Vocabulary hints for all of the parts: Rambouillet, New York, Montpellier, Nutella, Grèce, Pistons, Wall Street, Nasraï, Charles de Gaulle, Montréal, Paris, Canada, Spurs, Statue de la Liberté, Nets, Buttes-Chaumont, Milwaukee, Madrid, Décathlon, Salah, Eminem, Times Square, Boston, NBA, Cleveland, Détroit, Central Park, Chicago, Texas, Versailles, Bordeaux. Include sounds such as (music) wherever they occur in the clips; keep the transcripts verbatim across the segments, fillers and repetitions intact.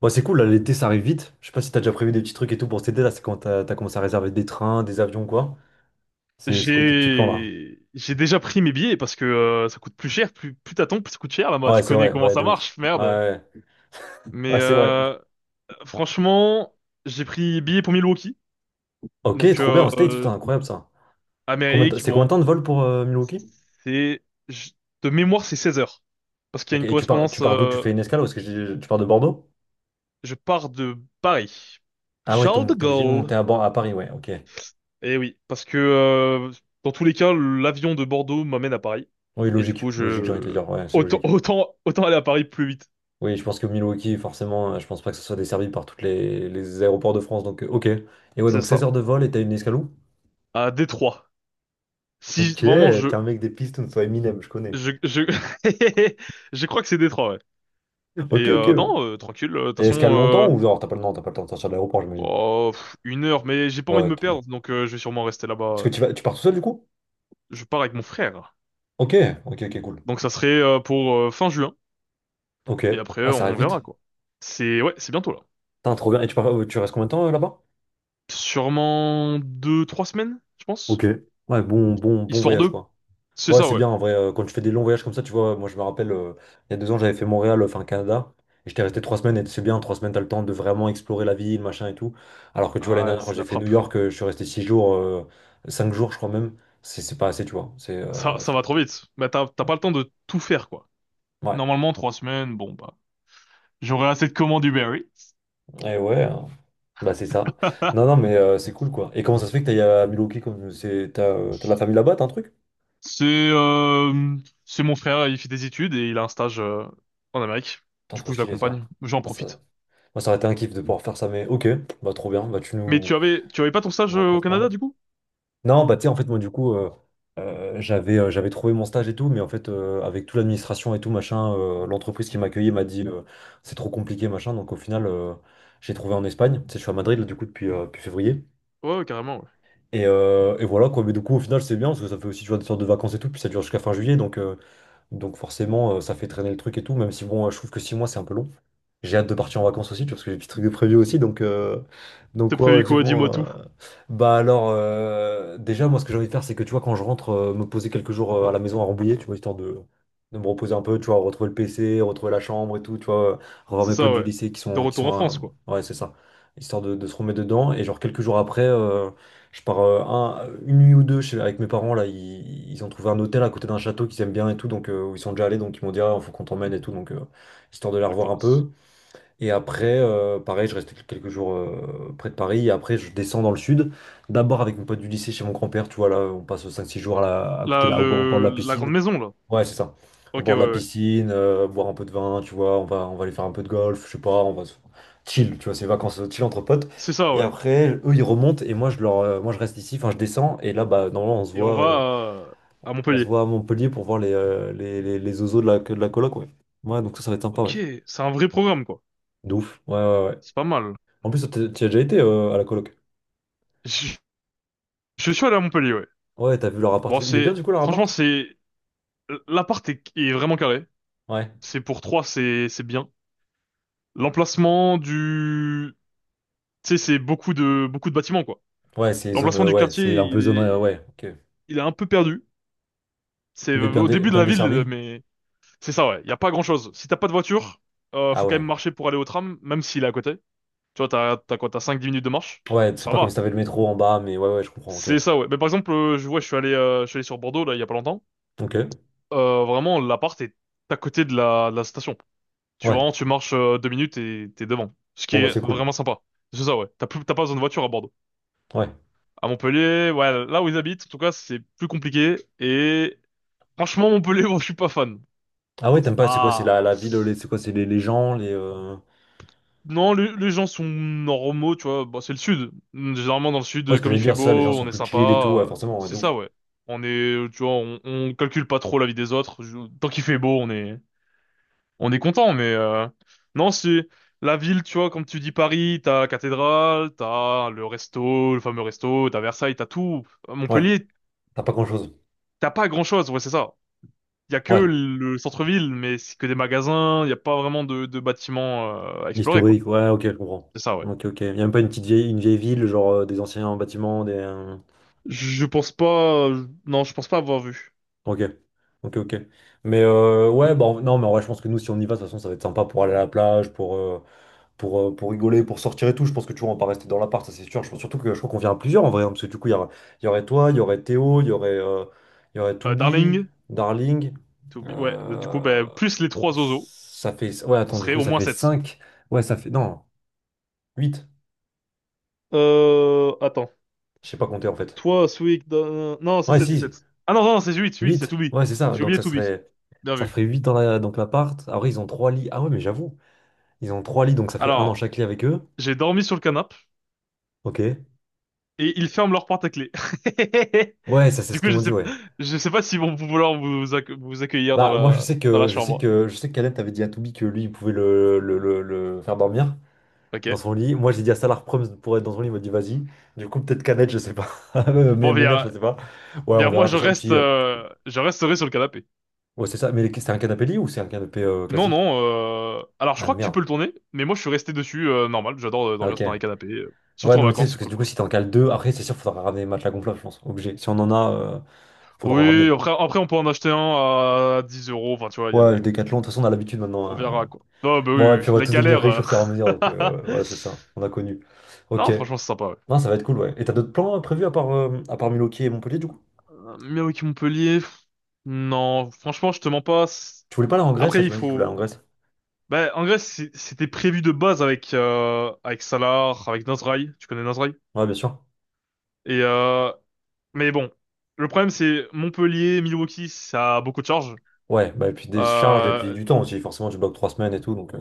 Bon, c'est cool, là, l'été ça arrive vite. Je sais pas si t'as déjà prévu des petits trucs et tout pour cet été, là, c'est quand t'as t'as commencé à réserver des trains, des avions, quoi. C'est c'est quoi tes petits plans là? J'ai j'ai déjà pris mes billets parce que euh, ça coûte plus cher, plus plus t'attends, plus ça coûte cher là-bas. Ouais, Tu c'est connais vrai, comment ouais, ça de ouf. marche, Ouais, merde. ouais, ouais, Mais ouais, c'est vrai. euh, franchement, j'ai pris billets pour Milwaukee, Ok, donc trop bien, euh, en States, euh, putain, incroyable ça. Combien de- Amérique. C'est combien Bon, de temps de vol pour euh, Milwaukee? c'est je- de mémoire c'est seize heures parce qu'il y a Ok, une et tu pars, tu correspondance. pars d'où? Tu euh, fais une escale parce que j'ai- tu pars de Bordeaux? Je pars de Paris, Ah ouais, t'es Charles de t'es obligé de Gaulle. monter à, Bor- à Paris, ouais, ok. Eh oui, parce que euh, dans tous les cas, l'avion de Bordeaux m'amène à Paris Oui, et du logique, coup logique, j'ai envie de te je dire, ouais, c'est autant logique. autant autant aller à Paris plus vite. Oui, je pense que Milwaukee, forcément, euh, je pense pas que ce soit desservi par tous les, les aéroports de France, donc euh, ok. Et ouais, C'est donc seize ça. heures de vol et t'as une escale où? À Détroit. Si Ok, vraiment je t'es un mec des Pistons, soit Eminem, je connais. je je (laughs) je crois que c'est Détroit, ouais. Ok, Et ok. euh, non, euh, tranquille. euh, De toute Et façon, escale longtemps euh, ou genre t'as pas le temps, t'as pas le temps de sortir de l'aéroport, j'imagine. bon, pff, une heure, mais j'ai pas envie de Ouais. me t- perdre, donc euh, je vais sûrement rester Est-ce que là-bas. tu vas, tu pars tout seul du coup? Je pars avec mon frère, Ok, ok, ok, cool. donc ça serait euh, pour euh, fin juin. Ok. Et après, Ah, euh, ça arrive on vite. verra quoi. C'est ouais, c'est bientôt là. Putain, trop bien. Et tu pars, tu restes combien de temps euh, là-bas? Sûrement deux, trois semaines, je pense. Ok. Ouais, bon, bon, bon Histoire voyage de. quoi. C'est Ouais, ça, c'est ouais. bien en vrai. euh, quand tu fais des longs voyages comme ça, tu vois, moi je me rappelle, euh, il y a deux ans, j'avais fait Montréal, euh, enfin Canada, et j'étais resté trois semaines, et c'est bien, trois semaines, t'as le temps de vraiment explorer la ville, machin et tout. Alors que tu vois, l'année Ah, ouais, dernière, quand c'est de j'ai la fait New frappe. York, euh, je suis resté six jours, euh, cinq jours, je crois même. C'est c'est pas assez, tu vois. C'est euh, Ça, ouais, ça c'est- va trop vite. Bah t'as t'as pas le temps de tout faire quoi. Ouais. Normalement, trois semaines, bon bah. J'aurai assez de commandes Uber Eats. Et ouais, euh, bah c'est ça. Non, non, mais euh, c'est cool quoi. Et comment ça se fait que t'ailles à Milwaukee comme c'est t'as euh, t'as de la famille là-bas, t'as un truc? (laughs) C'est euh, c'est mon frère, il fait des études et il a un stage euh, en Amérique. Putain, Du trop coup, je stylé l'accompagne, ça. j'en Ah, ça- profite. Moi, ça aurait été un kiff de pouvoir faire ça, mais ok, bah trop bien, bah tu Mais nous, tu avais tu avais pas ton nous stage euh, au Canada raconteras. du coup? Non, bah tu sais, en fait, moi, du coup, euh, euh, j'avais euh, j'avais trouvé mon stage et tout, mais en fait, euh, avec toute l'administration et tout, machin, euh, l'entreprise qui m'accueillait m'a dit euh, c'est trop compliqué, machin. Donc, au final, euh, j'ai trouvé en Espagne. Tu sais, je suis à Madrid, là, du coup, depuis, euh, depuis février. Ouais, ouais, carrément. Ouais. Et, euh, et voilà, quoi. Mais du coup, au final, c'est bien parce que ça fait aussi, tu vois, des sortes de vacances et tout, puis ça dure jusqu'à fin juillet. Donc, euh, donc forcément, euh, ça fait traîner le truc et tout, même si bon, euh, je trouve que six mois, c'est un peu long. J'ai hâte de partir en vacances aussi, tu vois, parce que j'ai des petits trucs de prévu aussi. Donc, euh, T'as donc ouais, ouais, prévu quoi? Dis-moi vivement. Euh, tout. Bah alors, euh, déjà, moi, ce que j'ai envie de faire, c'est que, tu vois, quand je rentre, euh, me poser quelques jours euh, à la maison à Rambouillet, tu vois, histoire de, de me reposer un peu, tu vois, retrouver le P C, retrouver la chambre et tout, tu vois, euh, revoir C'est mes potes ça, du ouais. lycée qui De sont, qui retour sont en à- France, quoi. Ouais, c'est ça. Histoire de, de se remettre dedans. Et genre, quelques jours après, euh, je pars euh, un- une nuit ou deux chez, avec mes parents là, ils, ils ont trouvé un hôtel à côté d'un château qu'ils aiment bien et tout, donc euh, où ils sont déjà allés, donc ils m'ont dit ah, faut qu'on t'emmène et tout, donc euh, histoire de les La revoir un classe. peu. Et après, euh, pareil, je reste quelques jours euh, près de Paris, et après je descends dans le sud, d'abord avec mon pote du lycée chez mon grand-père, tu vois là, on passe cinq six jours à, la- à côté Là, là, au bord, au bord de le la la grande piscine. maison, là. Ouais, c'est ça. Au Ok, bord ouais, de la ouais. piscine, euh, boire un peu de vin, tu vois, on va, on va aller faire un peu de golf, je sais pas, on va se chill, tu vois, c'est vacances euh, chill entre potes. C'est ça, Et ouais. après, eux, ils remontent et moi, je leur, euh, moi, je reste ici, enfin, je descends et là, bah, normalement, on se Et on voit, euh, va euh, à on se Montpellier. voit à Montpellier pour voir les, euh, les, les, les zozos de la, de la coloc, ouais. Ouais, donc ça, ça va être sympa, ouais. Ok, c'est un vrai programme, quoi. De ouf, ouais, ouais, ouais. C'est pas mal. En plus, toi, t'es- t'y as déjà été euh, à la coloc. Je, je suis allé à Montpellier, ouais. Ouais, t'as vu leur appart Bon, et tout. Il est bien, du c'est coup, leur franchement, appart? c'est l'appart est, est vraiment carré. Ouais. C'est pour trois, c'est c'est bien. L'emplacement du, tu sais, c'est beaucoup de beaucoup de bâtiments quoi. Ouais, c'est zone, L'emplacement euh, du ouais, quartier, c'est un peu il zone, euh, est ouais, ok. il est un peu perdu. C'est Mais bien, au dé- début de bien la ville, desservi? mais c'est ça ouais. Il y a pas grand-chose. Si t'as pas de voiture, euh, Ah faut quand même ouais. marcher pour aller au tram, même s'il est à côté. Tu vois, t'as t'as quoi, t'as cinq dix minutes de marche. Ouais, c'est Ça pas comme si va. t'avais le métro en bas, mais ouais, ouais, je comprends, ok. C'est ça ouais. Mais par exemple, euh, je vois, je suis allé euh, je suis allé sur Bordeaux là il y a pas longtemps. Ok, Euh, vraiment, l'appart est à côté de la de la station. Tu ouais. vraiment, tu marches euh, deux minutes et t'es devant. Ce qui Bon, bah, est c'est cool. vraiment sympa. C'est ça, ouais. T'as plus, t'as pas besoin de voiture à Bordeaux. Ouais. À Montpellier, ouais, là où ils habitent, en tout cas, c'est plus compliqué. Et franchement, Montpellier, (laughs) moi, je suis pas fan. Ah ouais, t'aimes C'est pas, c'est quoi, c'est la, pas... la ville, les- c'est quoi, c'est les, les gens, les, euh, Non, les, les gens sont normaux, tu vois. Bah, c'est le sud. Généralement, dans le ouais, sud, ce que comme je il veux fait dire, c'est ça, les gens beau, on sont est plus sympa. chill et tout, ouais, euh, forcément, ouais, C'est de ouf. ça, ouais. On est, tu vois, on, on calcule pas trop la vie des autres. Je- Tant qu'il fait beau, on est, on est content, mais euh, non, c'est la ville, tu vois, comme tu dis Paris, t'as cathédrale, t'as le resto, le fameux resto, t'as Versailles, t'as tout. À Ouais, Montpellier, t'as pas grand-chose. t'as pas grand-chose, ouais, c'est ça. Il y a que Ouais. le centre-ville, mais c'est que des magasins, il y a pas vraiment de, de bâtiments euh, à explorer, quoi. Historique, ouais, ok, je comprends. C'est ça, ouais. Ok, ok. Y a même pas une petite vieille, une vieille ville, genre euh, des anciens bâtiments, des. Euh, Je pense pas, non, je pense pas avoir vu. Ok, ok, ok. Mais euh, ouais, bah, en- non, mais en vrai, je pense que nous, si on y va, de toute façon, ça va être sympa pour aller à la plage, pour... euh, pour, euh, pour rigoler, pour sortir et tout. Je pense que tu vois, on va pas rester dans l'appart, ça c'est sûr. Je pense surtout que je crois qu'on vient à plusieurs en vrai, hein, parce que du coup, il y, aura- il y aurait toi, il y aurait Théo, il y aurait, euh, il y aurait Euh, Toubi, Darling, Darling. to be- ouais, du coup, Euh, ben, plus les trois oiseaux, ça fait, ouais, on attends, du serait coup, au ça moins fait sept. cinq. Ouais, ça fait. Non, huit. Euh, attends. Je sais pas compter en fait. Toi, Sweet, euh, non, c'est Ouais, sept, c'est si, sept. Ah non, non, c'est huit, huit. Il y a huit. Toubi. Ouais, c'est ça. J'ai Donc oublié ça Toubi. serait. Bien Ça vu. ferait huit dans la, donc l'appart. Après, ils ont trois lits. Ah ouais, mais j'avoue. Ils ont trois lits, donc ça fait un dans Alors, chaque lit avec eux. j'ai dormi sur le canapé Ok. et ils ferment leur porte à clé. (laughs) Ouais, ça c'est Du ce coup, qu'ils je m'ont sais, dit, ouais. je sais pas s'ils vont vouloir vous, accue- vous accueillir dans Bah, moi, je la, sais dans la que, je sais chambre. que, je sais qu'Alep t'avait dit à Toubi que lui, il pouvait le, le, le, le faire dormir dans Ok. son lit. Moi, j'ai dit à Salar Proms pour être dans son lit, il m'a dit vas-y. Du coup, peut-être Canet, je sais pas. (laughs) Mais Bon, mais Maynard, je bien, sais pas. Ouais, on bien, verra moi, de je toute façon. Et reste, puis, euh, euh, je resterai sur le canapé. ouais, c'est ça. Mais c'est un canapé lit ou c'est un canapé euh, Non, classique? non, euh, alors je Ah crois que tu merde. peux le tourner, mais moi je suis resté dessus, euh, normal, j'adore euh, Ah dormir ok. dans les canapés, euh, Ouais, surtout en non, mais tu sais, vacances, parce c'est que cool du coup, quoi. si t'en cales deux, après, c'est sûr, faudra ramener les matelas gonflables, je pense. Obligé. Si on en a, euh, faudra en ramener. Oui, après, après on peut en acheter un à dix euros, enfin tu vois, il y a Ouais, le des, Décathlon, de toute façon, on a l'habitude maintenant, on verra, hein. quoi. Non, bah Bon, et oui, oui, puis on va la tous devenir galère. riches euh. au fur et à mesure, donc euh, voilà, (laughs) c'est ça. On a connu. Ok. Non, franchement, c'est sympa, ouais. Non, ça va être cool, ouais. Et t'as d'autres plans euh, prévus à part, euh, à part Milwaukee et Montpellier, du coup? Euh, Milwaukee-Montpellier, pff, non, franchement, je te mens pas. c'est- Tu voulais pas aller en Grèce, là, Après, tu il m'as dit que tu voulais aller en faut... Grèce. Bah, en Grèce, c'est- c'était prévu de base avec, euh, avec Salah, avec Nasraï. Tu connais Nasraï? Ouais, bien sûr. Et, euh, mais bon, le problème, c'est Montpellier, Milwaukee, ça a beaucoup de charges. Ouais, bah, et puis des charges, et puis Euh, du temps aussi. Forcément, tu bloques trois semaines et tout, donc euh,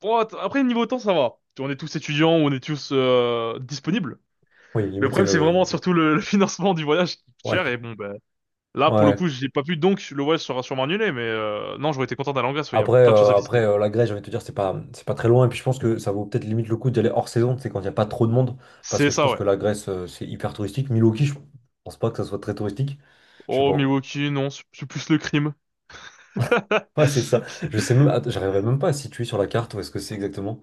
bon, att- après, niveau temps, ça va. On est tous étudiants, on est tous euh, disponibles. oui, Le limiter problème, c'est vraiment le. surtout le, le (laughs) financement du voyage qui coûte Ouais. cher. Et bon, ben là, pour le Ouais. coup, j'ai pas pu, donc le voyage sera sûrement annulé, mais euh, non, j'aurais été content d'aller en Grèce, ouais, il y a Après, plein de choses à euh, visiter. après euh, la Grèce, j'ai envie de te dire, c'est pas, c'est pas très loin. Et puis je pense que ça vaut peut-être limite le coup d'y aller hors saison, c'est quand il n'y a pas trop de monde. Parce C'est que je ça, pense ouais. que la Grèce, euh, c'est hyper touristique. Milwaukee, je pense pas que ça soit très touristique. Je sais Oh, pas. Milwaukee, non, c'est c'est plus le crime. Ouais, c'est ça. Je sais même, (laughs) att- j'arrivais même pas à situer sur la carte où est-ce que c'est exactement.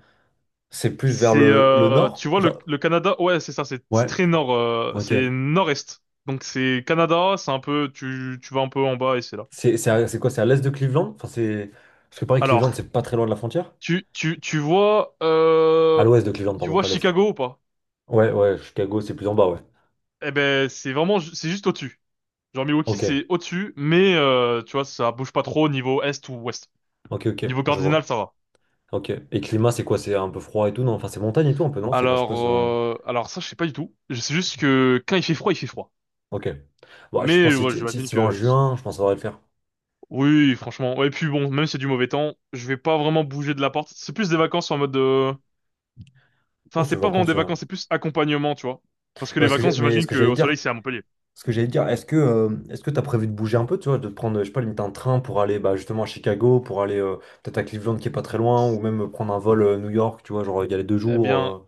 C'est plus vers C'est, le, le euh, tu nord, vois, le, genre. le Canada, ouais, c'est ça, c'est c'est Ouais, très nord, euh, ok. c'est nord-est. Donc c'est Canada, c'est un peu, tu, tu vas un peu en bas et c'est là. C'est c'est à- c'est quoi? C'est à l'est de Cleveland? Enfin, c'est. Parce que pareil, Cleveland, Alors, c'est pas très loin de la frontière. tu, tu, tu vois, À euh, l'ouest de Cleveland, tu pardon, vois pas l'est. Chicago ou pas? Ouais, ouais, Chicago, c'est plus en bas, ouais. Eh ben, c'est vraiment, ju- c'est juste au-dessus. Genre Milwaukee, Ok, c'est au-dessus, mais euh, tu vois, ça bouge pas trop au niveau est ou ouest. ok, ok, Niveau je cardinal, vois. ça va. Ok. Et climat, c'est quoi? C'est un peu froid et tout, non? Enfin, c'est montagne et tout, un peu, non? C'est vache pas Alors, ce. euh, alors ça, je sais pas du tout. Je sais juste que quand il fait froid, il fait froid. Ok. Bon, je Mais pense euh, que si ouais, tu si j'imagine tu vas en que juin, je pense que ça devrait le faire. oui, franchement. Ouais, et puis bon, même si c'est du mauvais temps, je vais pas vraiment bouger de la porte. C'est plus des vacances en mode. euh, Oh, Enfin, c'est c'est pas vraiment vacances. des Euh. vacances, c'est plus accompagnement, tu vois. Parce que Ouais, les ce que j'ai- vacances, mais ce j'imagine que que j'allais au dire, soleil, c'est à Montpellier. ce que j'allais te dire, est-ce que euh, est-ce que tu as prévu de bouger un peu, tu vois, de prendre, je sais pas, limite un train pour aller bah, justement à Chicago, pour aller euh, peut-être à Cleveland qui est pas très loin, ou même euh, prendre un vol euh, New York, tu vois, genre y aller deux Eh jours. bien, Euh.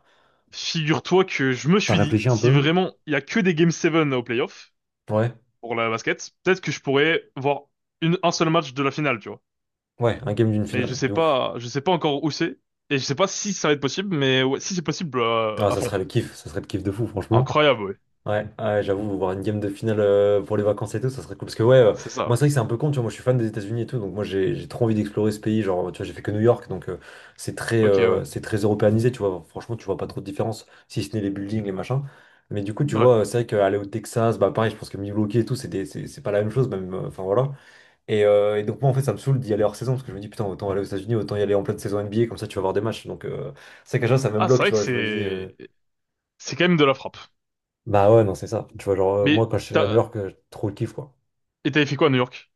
figure-toi que je me T'as suis dit, réfléchi un si peu? vraiment il y a que des Game sept au playoff Ouais, pour la basket, peut-être que je pourrais voir une, un seul match de la finale, tu vois. ouais, un game d'une Mais je finale, sais de ouf. pas, je sais pas encore où c'est et je sais pas si ça va être possible, mais ouais, si c'est possible, euh, Ah, à ça fond. serait le kiff, ça serait le kiff de fou, franchement. Incroyable, ouais. Ouais, ouais, j'avoue, voir une game de finale euh, pour les vacances et tout, ça serait cool. Parce que ouais, euh, Ah, c'est ça. Ouais. moi c'est vrai que c'est un peu con, tu vois, moi je suis fan des États-Unis et tout, donc moi j'ai j'ai trop envie d'explorer ce pays. Genre, tu vois, j'ai fait que New York, donc euh, c'est très, Ok, euh, ouais. c'est très européanisé, tu vois. Franchement, tu vois pas trop de différence, si ce n'est les buildings, les machins. Mais du coup, tu Ouais. vois, euh, c'est vrai qu'aller au Texas, bah pareil, je pense que Milwaukee et tout, c'est des- c'est c'est pas la même chose, même, euh, enfin voilà. Et, euh, et donc moi en fait, ça me saoule d'y aller hors saison, parce que je me dis, putain, autant aller aux États-Unis, autant y aller en pleine saison N B A, comme ça tu vas voir des matchs. Donc euh, c'est vrai que déjà, ça me Ah, c'est bloque, tu vrai que vois, je me dis. Euh, c'est c'est quand même de la frappe. bah ouais, non, c'est ça. Tu vois, genre, euh, moi, Mais quand je suis à New t'as York, euh, trop le kiff, quoi. et t'avais fait quoi à New York?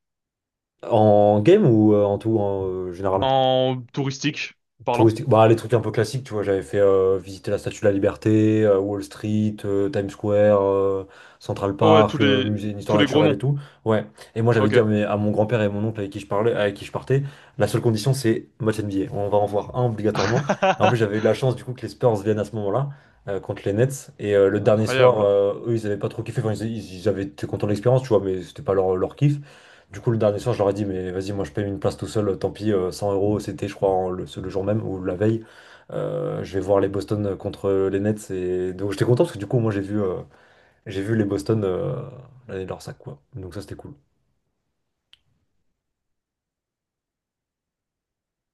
En game ou euh, en tout, en euh, général? En touristique parlant? Touristique. Bah, les trucs un peu classiques, tu vois, j'avais fait euh, visiter la Statue de la Liberté, euh, Wall Street, euh, Times Square, euh, Central Oh ouais, tous Park, euh, les musée d'histoire tous les gros naturelle et noms. tout. Ouais. Et moi, j'avais dit Ok. à, mes- à mon grand-père et mon oncle avec qui je parlais, avec qui je partais, la seule condition, c'est match N B A. On va en voir un obligatoirement. Et en plus, j'avais eu (laughs) la chance, du coup, que les Spurs viennent à ce moment-là, euh, contre les Nets. Et euh, le dernier soir, Incroyable. euh, eux, ils avaient pas trop kiffé. Enfin, ils, ils- ils avaient été contents de l'expérience, tu vois, mais c'était pas leur, leur kiff. Du coup, le dernier soir, je leur ai dit, mais vas-y, moi je paye une place tout seul, euh, tant pis, euh, cent euros, c'était, je crois, en le, ce- le jour même ou la veille. Euh, je vais voir les Boston contre les Nets. Et donc, j'étais content parce que du coup, moi j'ai vu, euh, j'ai vu les Boston euh, l'année de leur sac, quoi. Donc, ça, c'était cool.